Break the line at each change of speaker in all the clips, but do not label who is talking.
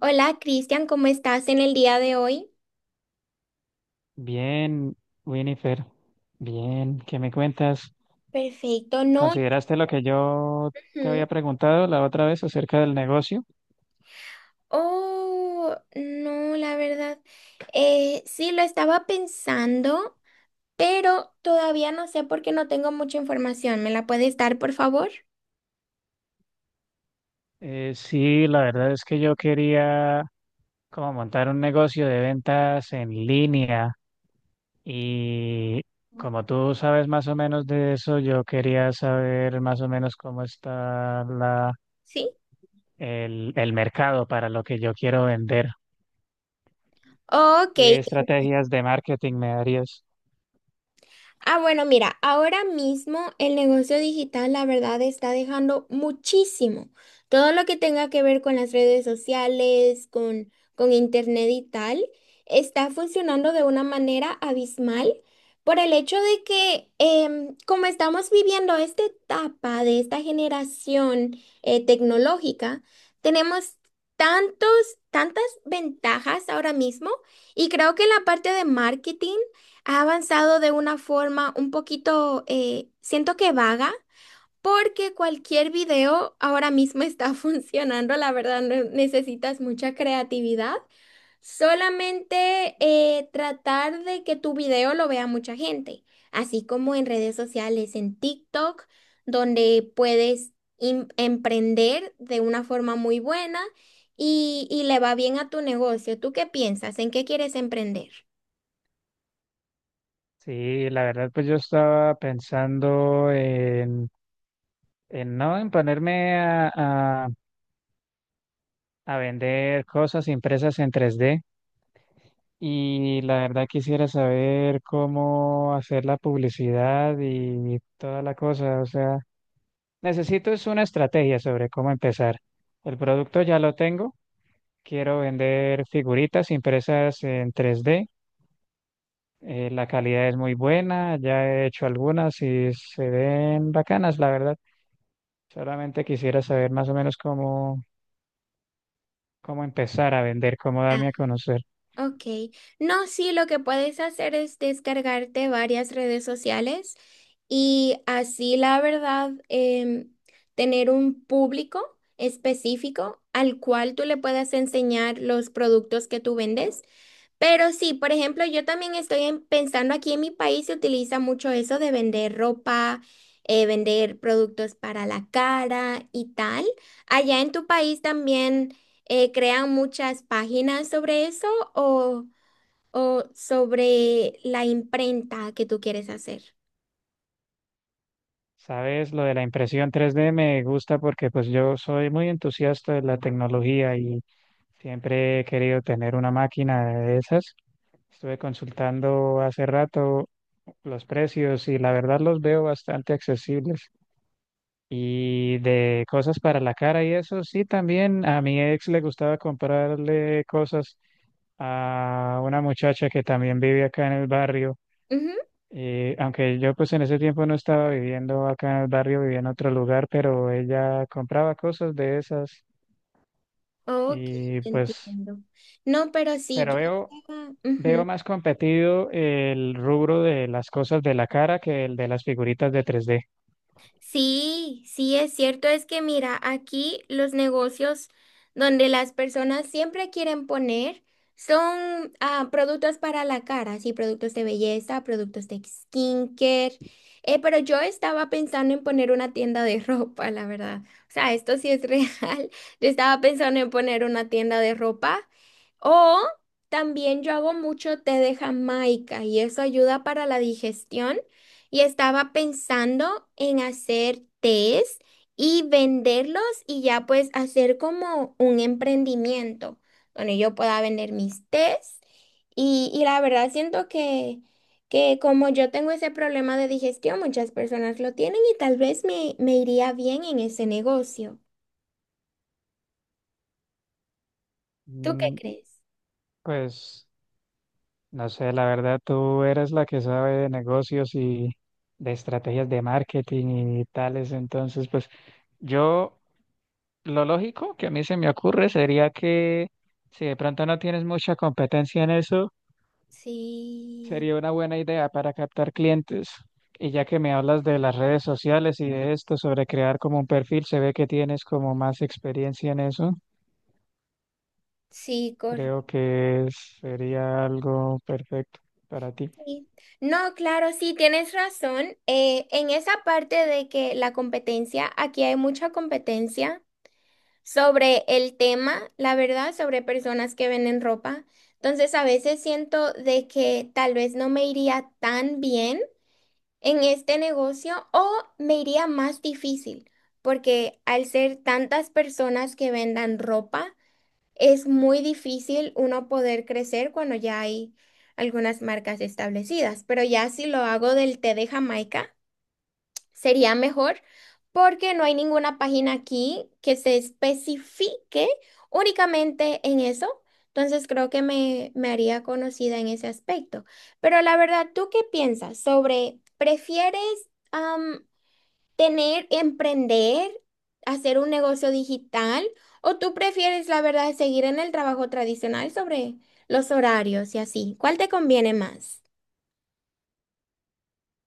Hola, Cristian, ¿cómo estás en el día de hoy?
Bien, Winifred, bien, ¿qué me cuentas?
Perfecto, no.
¿Consideraste lo que yo te
Ujú.
había preguntado la otra vez acerca del negocio?
Oh, no, la verdad. Sí, lo estaba pensando, pero todavía no sé porque no tengo mucha información. ¿Me la puedes dar, por favor?
Sí, la verdad es que yo quería como montar un negocio de ventas en línea y como tú sabes más o menos de eso, yo quería saber más o menos cómo está la,
Sí.
el, el mercado para lo que yo quiero vender.
Ok.
¿Qué estrategias de marketing me darías?
Ah, bueno, mira, ahora mismo el negocio digital, la verdad, está dejando muchísimo. Todo lo que tenga que ver con las redes sociales, con internet y tal, está funcionando de una manera abismal por el hecho de que como estamos viviendo esta etapa de esta generación tecnológica, tenemos tantos, tantas ventajas ahora mismo y creo que en la parte de marketing ha avanzado de una forma un poquito, siento que vaga, porque cualquier video ahora mismo está funcionando, la verdad no necesitas mucha creatividad, solamente tratar de que tu video lo vea mucha gente, así como en redes sociales, en TikTok, donde puedes emprender de una forma muy buena y, le va bien a tu negocio. ¿Tú qué piensas? ¿En qué quieres emprender?
Sí, la verdad, pues yo estaba pensando en no, en ponerme a, a vender cosas impresas en tres d y la verdad quisiera saber cómo hacer la publicidad y toda la cosa. O sea, necesito es una estrategia sobre cómo empezar. El producto ya lo tengo, quiero vender figuritas impresas en 3D. La calidad es muy buena, ya he hecho algunas y se ven bacanas, la verdad. Solamente quisiera saber más o menos cómo empezar a vender, cómo darme a conocer.
Ok, no, sí, lo que puedes hacer es descargarte varias redes sociales y así, la verdad, tener un público específico al cual tú le puedas enseñar los productos que tú vendes. Pero sí, por ejemplo, yo también estoy pensando, aquí en mi país se utiliza mucho eso de vender ropa, vender productos para la cara y tal. ¿Allá en tu país también crean muchas páginas sobre eso o, sobre la imprenta que tú quieres hacer?
Sabes, lo de la impresión 3D me gusta porque pues yo soy muy entusiasta de la tecnología y siempre he querido tener una máquina de esas. Estuve consultando hace rato los precios y la verdad los veo bastante accesibles. Y de cosas para la cara y eso, sí, también a mi ex le gustaba comprarle cosas a una muchacha que también vive acá en el barrio.
Ujú.
Y aunque yo pues en ese tiempo no estaba viviendo acá en el barrio, vivía en otro lugar, pero ella compraba cosas de esas
Ok,
y
te
pues,
entiendo. No, pero sí,
pero
yo...
veo, veo
ujú.
más competido el rubro de las cosas de la cara que el de las figuritas de 3D.
Sí, sí, es cierto, es que mira, aquí los negocios donde las personas siempre quieren poner son productos para la cara, sí, productos de belleza, productos de skincare, pero yo estaba pensando en poner una tienda de ropa, la verdad. O sea, esto sí es real. Yo estaba pensando en poner una tienda de ropa o también yo hago mucho té de Jamaica y eso ayuda para la digestión. Y estaba pensando en hacer tés y venderlos y ya pues hacer como un emprendimiento donde yo pueda vender mis tés. Y, la verdad siento que, como yo tengo ese problema de digestión, muchas personas lo tienen y tal vez me iría bien en ese negocio. ¿Tú qué
Mm,
crees?
Pues no sé, la verdad, tú eres la que sabe de negocios y de estrategias de marketing y tales. Entonces, pues yo, lo lógico que a mí se me ocurre sería que si de pronto no tienes mucha competencia en eso,
Sí,
sería una buena idea para captar clientes. Y ya que me hablas de las redes sociales y de esto sobre crear como un perfil, se ve que tienes como más experiencia en eso.
sí,
Creo que sería algo perfecto para ti.
sí. No, claro, sí, tienes razón. En esa parte de que la competencia, aquí hay mucha competencia sobre el tema, la verdad, sobre personas que venden ropa. Entonces, a veces siento de que tal vez no me iría tan bien en este negocio o me iría más difícil, porque al ser tantas personas que vendan ropa, es muy difícil uno poder crecer cuando ya hay algunas marcas establecidas, pero ya si lo hago del té de Jamaica, sería mejor porque no hay ninguna página aquí que se especifique únicamente en eso. Entonces creo que me haría conocida en ese aspecto. Pero la verdad, ¿tú qué piensas? Sobre, prefieres tener, emprender, hacer un negocio digital, o tú prefieres, la verdad, seguir en el trabajo tradicional sobre los horarios y así. ¿Cuál te conviene más?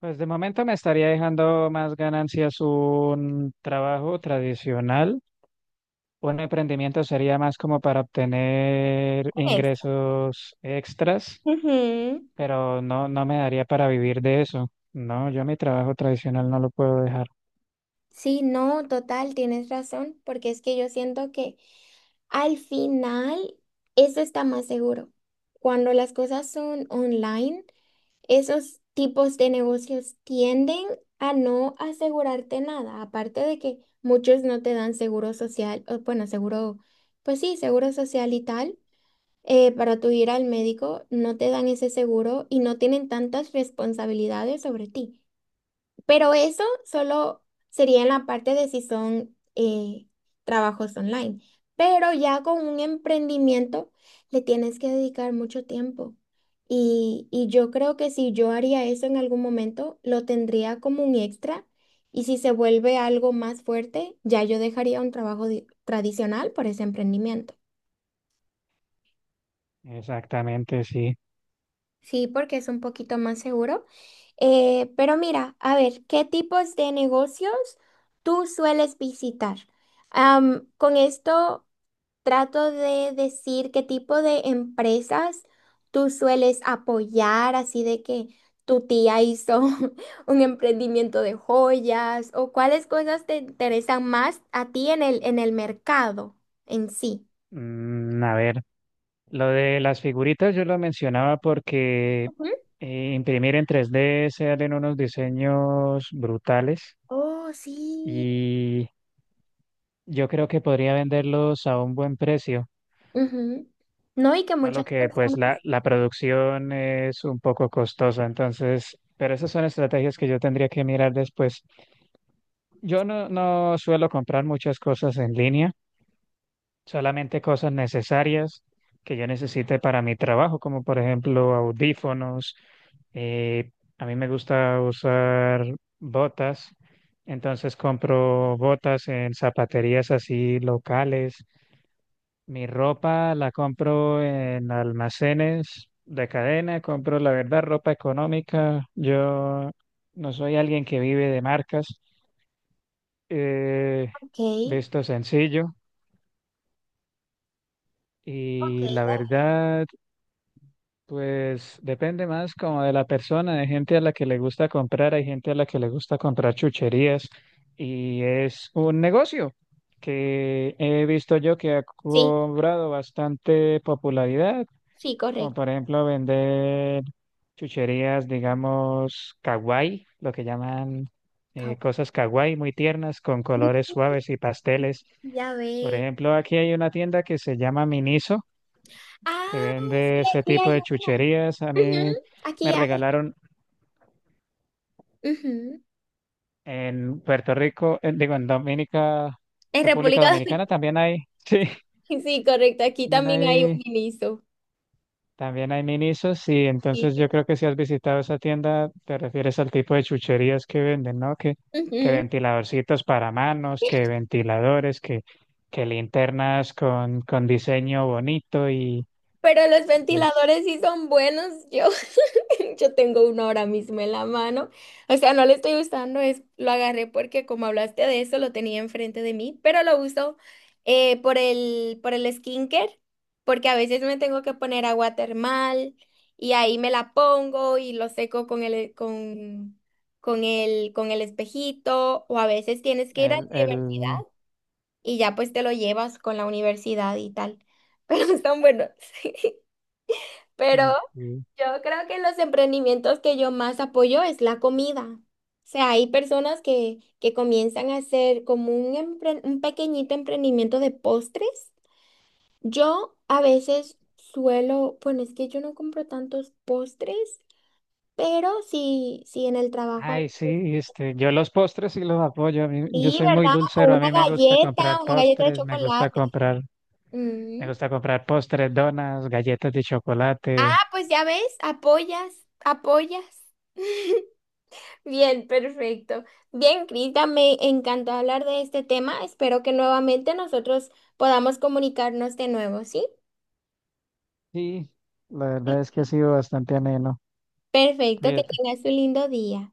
Pues de momento me estaría dejando más ganancias un trabajo tradicional. Un emprendimiento sería más como para obtener
Pues.
ingresos extras,
Ujú.
pero no, no me daría para vivir de eso. No, yo mi trabajo tradicional no lo puedo dejar.
Sí, no, total, tienes razón, porque es que yo siento que al final eso está más seguro. Cuando las cosas son online, esos tipos de negocios tienden a no asegurarte nada, aparte de que muchos no te dan seguro social, o bueno, seguro, pues sí, seguro social y tal, para tu ir al médico, no te dan ese seguro y no tienen tantas responsabilidades sobre ti. Pero eso solo sería en la parte de si son trabajos online. Pero ya con un emprendimiento le tienes que dedicar mucho tiempo. Y, yo creo que si yo haría eso en algún momento, lo tendría como un extra. Y si se vuelve algo más fuerte, ya yo dejaría un trabajo tradicional por ese emprendimiento.
Exactamente, sí.
Sí, porque es un poquito más seguro. Pero mira, a ver, ¿qué tipos de negocios tú sueles visitar? Con esto trato de decir qué tipo de empresas tú sueles apoyar, así de que tu tía hizo un emprendimiento de joyas o cuáles cosas te interesan más a ti en el mercado en sí.
A ver, lo de las figuritas yo lo mencionaba porque
Ujú.
imprimir en 3D se hacen unos diseños brutales
Oh, sí.
y... Yo creo que podría venderlos a un buen precio,
Ujú. No, y que
solo
muchas
que pues
personas...
la producción es un poco costosa, entonces, pero esas son estrategias que yo tendría que mirar después. Yo no, no suelo comprar muchas cosas en línea, solamente cosas necesarias que yo necesite para mi trabajo, como por ejemplo audífonos. eh, a mí me gusta usar botas, entonces compro botas en zapaterías así locales. Mi ropa la compro en almacenes de cadena, compro la verdad ropa económica. Yo no soy alguien que vive de marcas, eh,
Ok,
visto sencillo
ok,
y la verdad, pues depende más como de la persona. Hay gente a la que le gusta comprar, hay gente a la que le gusta comprar chucherías y es un negocio que he visto yo que ha
sí,
cobrado bastante popularidad
sí,
como
correcto.
por ejemplo vender chucherías, digamos, kawaii, lo que llaman
Cabo-
cosas kawaii muy tiernas con colores suaves y pasteles.
Ya
Por
ve.
ejemplo, aquí hay una tienda que se llama Miniso, que
Ah,
vende
sí,
ese
aquí
tipo
hay.
de chucherías. A
Ujú,
mí me
aquí hay.
regalaron
Ujú.
en Puerto Rico, digo, en Dominica,
En
República
República Dominicana,
Dominicana también hay, sí,
sí, correcto. Aquí
también
también hay un
hay
ministro.
También hay minisos, sí.
Sí.
Entonces yo creo que si has visitado esa tienda, te refieres al tipo de chucherías que venden, ¿no? Que
Ujú.
ventiladorcitos para manos, que ventiladores, que linternas con diseño bonito y
Pero los
es
ventiladores sí son buenos, yo. Yo tengo uno ahora mismo en la mano. O sea, no lo estoy usando, es, lo agarré porque como hablaste de eso, lo tenía enfrente de mí, pero lo uso por el skincare, porque a veces me tengo que poner agua termal y ahí me la pongo y lo seco con el, con el espejito, o a veces tienes que ir a la
el,
universidad
el...
y ya pues te lo llevas con la universidad y tal. Pero están buenos. Pero
mm,
yo creo que los emprendimientos que yo más apoyo es la comida. O sea, hay personas que comienzan a hacer como un pequeñito emprendimiento de postres. Yo a veces suelo, bueno, es que yo no compro tantos postres, pero sí, sí en el trabajo. A
Ay,
veces.
sí, este, yo los postres sí los apoyo. Yo
Sí,
soy muy
¿verdad? O
dulcero, a mí me gusta comprar
una galleta de
postres,
chocolate.
me
Mm.
gusta comprar postres, donas, galletas de chocolate.
Ah, pues ya ves, apoyas, apoyas. Bien, perfecto. Bien, Crita, me encantó hablar de este tema. Espero que nuevamente nosotros podamos comunicarnos de nuevo, ¿sí?
Sí, la verdad es que ha sido bastante ameno.
Perfecto, que
Fíjate.
tengas un lindo día.